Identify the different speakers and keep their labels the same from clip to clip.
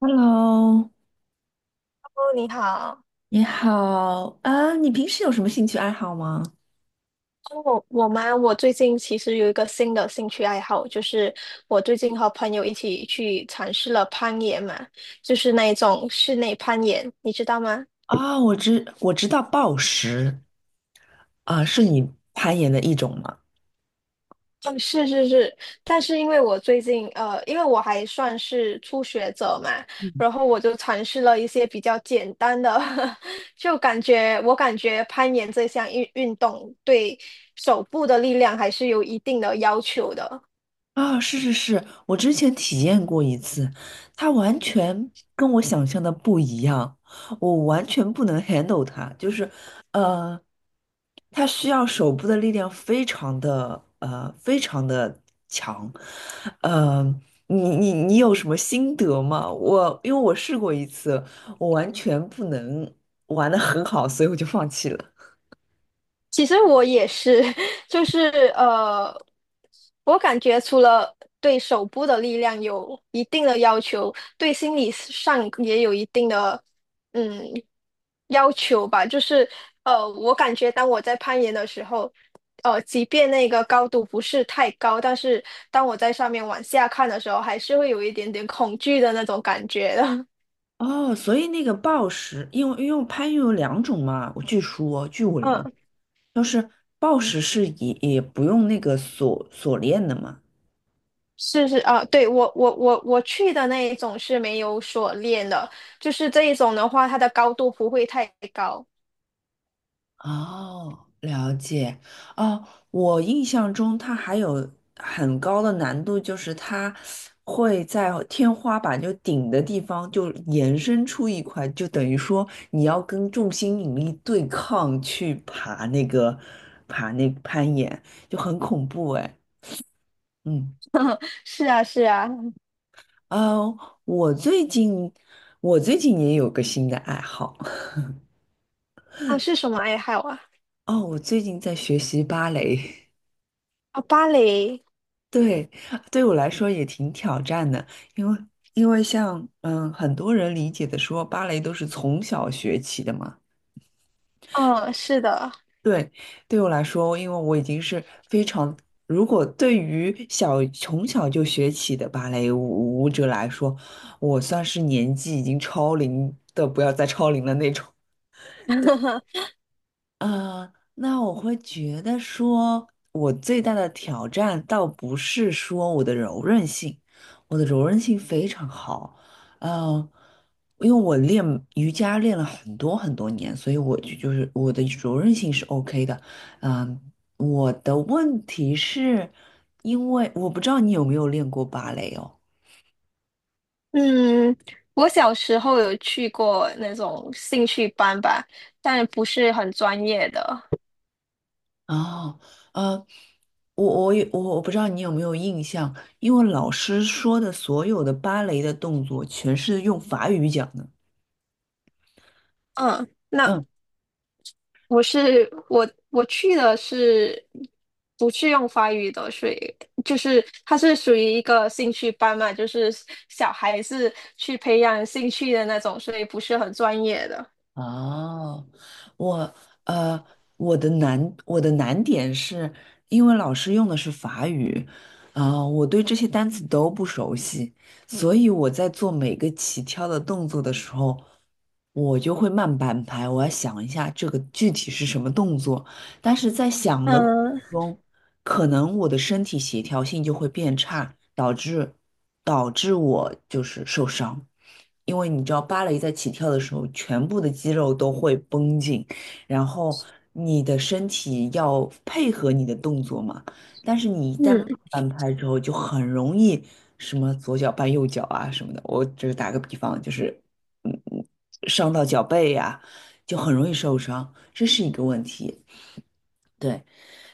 Speaker 1: Hello，
Speaker 2: 哦，你好。
Speaker 1: 你好啊，你平时有什么兴趣爱好吗？
Speaker 2: 哦，我吗？我最近其实有一个新的兴趣爱好，就是我最近和朋友一起去尝试了攀岩嘛，就是那一种室内攀岩，你知道吗？
Speaker 1: 啊，我知道暴食啊，是你攀岩的一种吗？
Speaker 2: 嗯，是是是，但是因为我最近因为我还算是初学者嘛，然后我就尝试了一些比较简单的，就感觉我感觉攀岩这项运动对手部的力量还是有一定的要求的。
Speaker 1: 啊，是是是，我之前体验过一次，它完全跟我想象的不一样，我完全不能 handle 它，就是，呃，它需要手部的力量非常的强，呃，你有什么心得吗？我因为我试过一次，我完全不能玩的很好，所以我就放弃了。
Speaker 2: 其实我也是，就是呃，我感觉除了对手部的力量有一定的要求，对心理上也有一定的嗯要求吧。就是,我感觉当我在攀岩的时候，即便那个高度不是太高，但是当我在上面往下看的时候，还是会有一点点恐惧的那种感觉的。
Speaker 1: 哦，所以那个暴食，因为攀岩有两种嘛，我据说据我 了
Speaker 2: 嗯。
Speaker 1: 就是暴食是也不用那个锁链的嘛。
Speaker 2: 是是啊，对，我去的那一种是没有锁链的，就是这一种的话，它的高度不会太高。
Speaker 1: 哦，了解。哦，我印象中它还有很高的难度，就是它会在天花板就顶的地方就延伸出一块，就等于说你要跟重心引力对抗去爬那个攀岩，就很恐怖哎。嗯，
Speaker 2: 是啊是啊，
Speaker 1: 呃，我最近我最近也有个新的爱好。
Speaker 2: 啊是什么爱好啊？
Speaker 1: 哦，我最近在学习芭蕾，
Speaker 2: 啊芭蕾，
Speaker 1: 对，对我来说也挺挑战的，因为像很多人理解的说芭蕾都是从小学起的嘛，
Speaker 2: 嗯，是的，
Speaker 1: 对，对我来说，因为我已经是非常，如果对于从小就学起的芭蕾舞者来说，我算是年纪已经超龄的，不要再超龄了那种。那我会觉得说，我最大的挑战倒不是说我的柔韧性，我的柔韧性非常好，嗯，因为我练瑜伽练了很多很多年，所以我就是我的柔韧性是 OK 的，嗯、我的问题是因为我不知道你有没有练过芭蕾哦。
Speaker 2: 嗯，我小时候有去过那种兴趣班吧，但不是很专业的。
Speaker 1: 哦，呃，我也不知道你有没有印象，因为老师说的所有的芭蕾的动作全是用法语讲的。
Speaker 2: 嗯，那
Speaker 1: 嗯，
Speaker 2: 我去的是不是用法语的，所以就是它是属于一个兴趣班嘛，就是小孩子去培养兴趣的那种，所以不是很专业的。
Speaker 1: 哦，我呃，我的难点是因为老师用的是法语，啊、我对这些单词都不熟悉，所以我在做每个起跳的动作的时候，我就会慢半拍，我要想一下这个具体是什么动作，但是在想的。
Speaker 2: 嗯
Speaker 1: 中，可能我的身体协调性就会变差，导致我就是受伤。因为你知道，芭蕾在起跳的时候，全部的肌肉都会绷紧，然后你的身体要配合你的动作嘛。但是你一旦
Speaker 2: 嗯，
Speaker 1: 慢半拍之后，就很容易什么左脚绊右脚啊什么的。我只是打个比方，就是嗯嗯，伤到脚背呀、就很容易受伤，这是一个问题。对。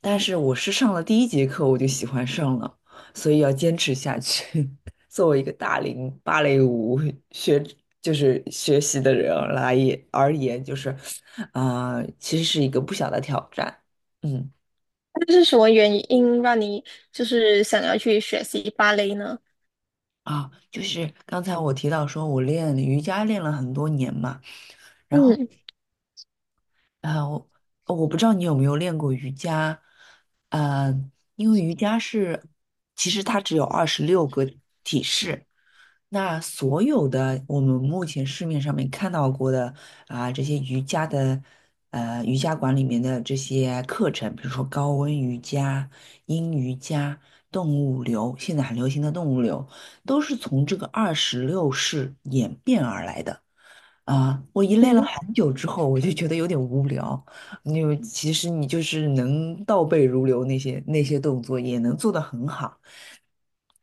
Speaker 1: 但是我是上了第一节课我就喜欢上了，所以要坚持下去。作为一个大龄芭蕾舞学，就是学习的人来也而言，就是，啊、其实是一个不小的挑战。嗯，
Speaker 2: 那是什么原因让你就是想要去学习芭蕾呢？
Speaker 1: 啊，就是刚才我提到说我练瑜伽练了很多年嘛，
Speaker 2: 嗯
Speaker 1: 啊、我不知道你有没有练过瑜伽，呃，因为瑜伽是，其实它只有26个体式。那所有的我们目前市面上面看到过的啊，这些瑜伽的，瑜伽馆里面的这些课程，比如说高温瑜伽、阴瑜伽、动物流，现在很流行的动物流，都是从这个26式演变而来的。啊，我一练了
Speaker 2: 嗯
Speaker 1: 很久之后，我就觉得有点无聊。因为其实你就是能倒背如流那些动作，也能做得很好。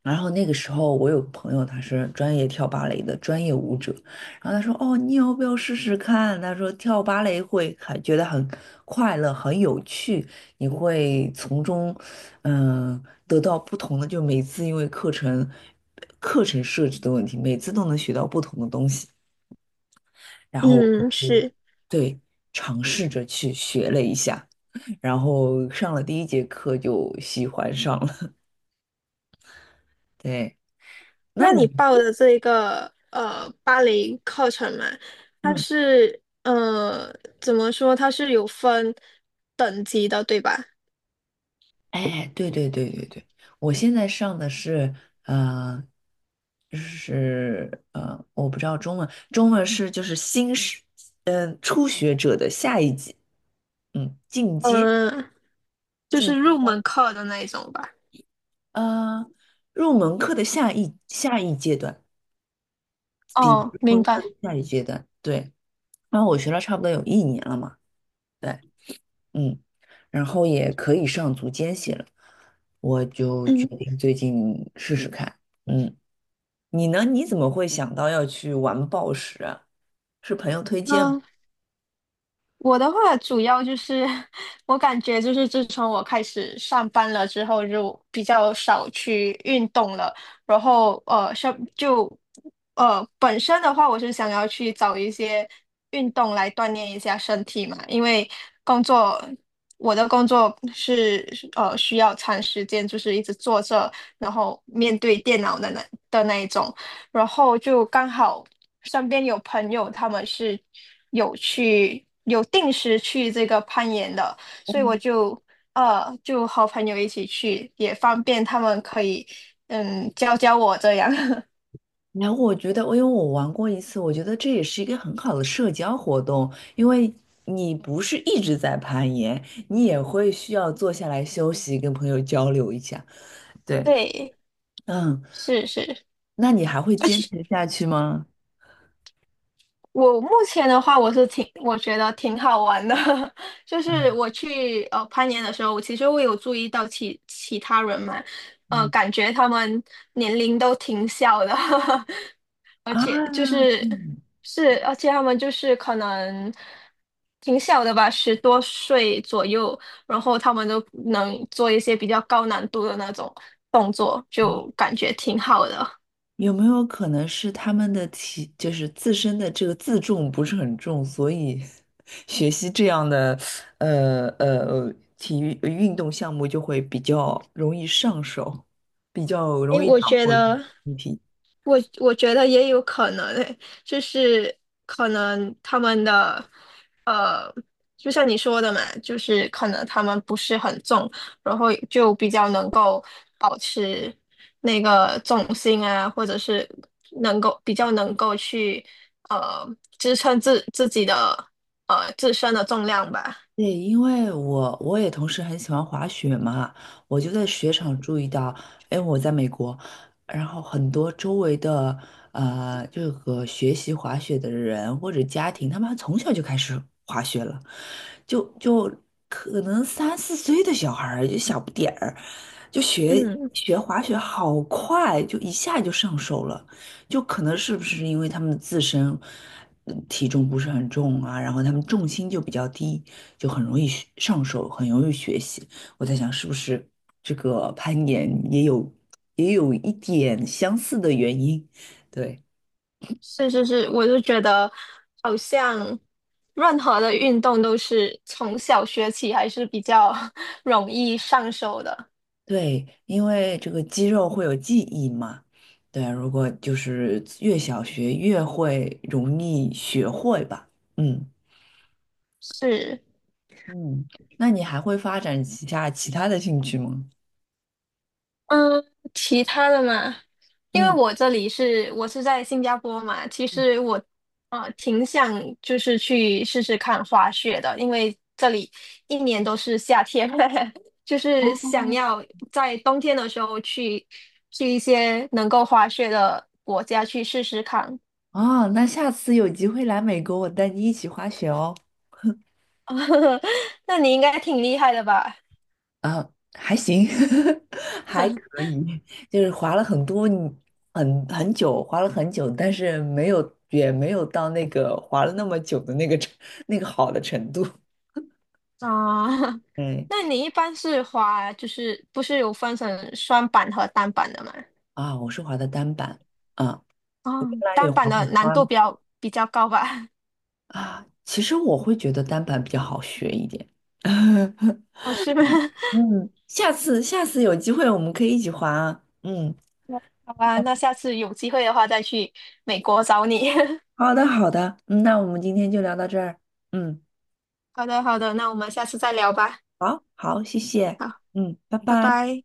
Speaker 1: 然后那个时候，我有朋友他是专业跳芭蕾的专业舞者，然后他说：“哦，你要不要试试看？”他说跳芭蕾会还觉得很快乐、很有趣，你会从中得到不同的，就每次因为课程设置的问题，每次都能学到不同的东西。然后我
Speaker 2: 嗯，
Speaker 1: 就
Speaker 2: 是。
Speaker 1: 对尝试着去学了一下，然后上了第一节课就喜欢上了。对，那
Speaker 2: 那你
Speaker 1: 你
Speaker 2: 报的这一个芭蕾课程嘛，它
Speaker 1: 嗯。
Speaker 2: 是呃怎么说？它是有分等级的，对吧？
Speaker 1: 哎，对对对对对，我现在上的是呃，我不知道中文，中文是就是新是初学者的下一级，嗯，进阶
Speaker 2: 嗯、就
Speaker 1: 进
Speaker 2: 是
Speaker 1: 阶
Speaker 2: 入门
Speaker 1: 班，
Speaker 2: 课的那一种吧。
Speaker 1: 呃，入门课的下一阶段，入
Speaker 2: 哦，
Speaker 1: 门
Speaker 2: 明
Speaker 1: 课的
Speaker 2: 白。
Speaker 1: 下一阶段，对，然后我学了差不多有一年了嘛，对，嗯，然后也可以上足尖系了，我就决
Speaker 2: 嗯，
Speaker 1: 定最近试试看，嗯。你呢？你怎么会想到要去玩暴食啊？是朋友推荐吗？
Speaker 2: 那我的话主要就是 我感觉就是自从我开始上班了之后，就比较少去运动了。然后像本身的话，我是想要去找一些运动来锻炼一下身体嘛，因为工作我的工作是呃需要长时间就是一直坐着，然后面对电脑的那一种。然后就刚好身边有朋友，他们是有去有定时去这个攀岩的，所以我就就和朋友一起去，也方便他们可以嗯教教我这样。
Speaker 1: 然后我觉得，因为我玩过一次，我觉得这也是一个很好的社交活动，因为你不是一直在攀岩，你也会需要坐下来休息，跟朋友交流一下。对，
Speaker 2: 对，
Speaker 1: 嗯，
Speaker 2: 是是，
Speaker 1: 那你还会坚持下去吗？
Speaker 2: 我目前的话，我觉得挺好玩的，就是
Speaker 1: 嗯
Speaker 2: 我去攀岩的时候，我其实有注意到其他人嘛，
Speaker 1: 嗯
Speaker 2: 感觉他们年龄都挺小的。
Speaker 1: 啊，
Speaker 2: 就是
Speaker 1: 嗯
Speaker 2: 是，而且他们就是可能挺小的吧，十多岁左右，然后他们都能做一些比较高难度的那种动作，就感觉挺好的。
Speaker 1: 有没有可能是他们的体，就是自身的这个自重不是很重，所以 学习这样的体育运动项目就会比较容易上手，比较
Speaker 2: 诶，
Speaker 1: 容易
Speaker 2: 我
Speaker 1: 掌
Speaker 2: 觉
Speaker 1: 握
Speaker 2: 得。
Speaker 1: 身体。
Speaker 2: 我觉得也有可能诶，就是可能他们的呃，就像你说的嘛，就是可能他们不是很重，然后就比较能够保持那个重心啊，或者是比较能够去呃支撑自己的自身的重量吧。
Speaker 1: 对，因为我也同时很喜欢滑雪嘛，我就在雪场注意到，哎，我在美国，然后很多周围的这个学习滑雪的人或者家庭，他们从小就开始滑雪了，就可能三四岁的小孩儿就小不点儿，就学
Speaker 2: 嗯。
Speaker 1: 学滑雪好快，就一下就上手了。就可能是不是因为他们自身体重不是很重啊，然后他们重心就比较低，就很容易学上手，很容易学习。我在想，是不是这个攀岩也有一点相似的原因？对
Speaker 2: 是，我就觉得好像任何的运动都是从小学起还是比较 容易上手的。
Speaker 1: 对，因为这个肌肉会有记忆嘛。对啊，如果就是越小学越会容易学会吧。嗯
Speaker 2: 是，
Speaker 1: 嗯，那你还会发展其他的兴趣吗？
Speaker 2: 嗯，其他的嘛，因为
Speaker 1: 嗯。
Speaker 2: 我是在新加坡嘛，其实我啊挺想就是去试试看滑雪的，因为这里一年都是夏天，就是想要在冬天的时候去一些能够滑雪的国家去试试看。
Speaker 1: 哦，那下次有机会来美国，我带你一起滑雪哦。
Speaker 2: 那你应该挺厉害的吧？
Speaker 1: 啊，还行，还可以，就是滑了很多，很久，滑了很久，但是没有，也没有到那个滑了那么久的那个好的程度。
Speaker 2: 啊，
Speaker 1: 对
Speaker 2: 那你一般是滑，就是不是有分成双板和单板的吗？
Speaker 1: 啊，我是滑的单板啊，
Speaker 2: 哦，
Speaker 1: 他也
Speaker 2: 单板
Speaker 1: 滑过
Speaker 2: 的难度
Speaker 1: 双
Speaker 2: 比较高吧？
Speaker 1: 啊。其实我会觉得单板比较好学一点。
Speaker 2: 哦，是吗？
Speaker 1: 嗯，下次有机会我们可以一起滑啊。嗯。
Speaker 2: 好吧，那下次有机会的话再去美国找你。
Speaker 1: 好的，好的，嗯，那我们今天就聊到这儿。嗯，
Speaker 2: 好的，好的，那我们下次再聊吧。
Speaker 1: 好，好，谢谢。
Speaker 2: 好，
Speaker 1: 嗯，拜
Speaker 2: 拜
Speaker 1: 拜。
Speaker 2: 拜。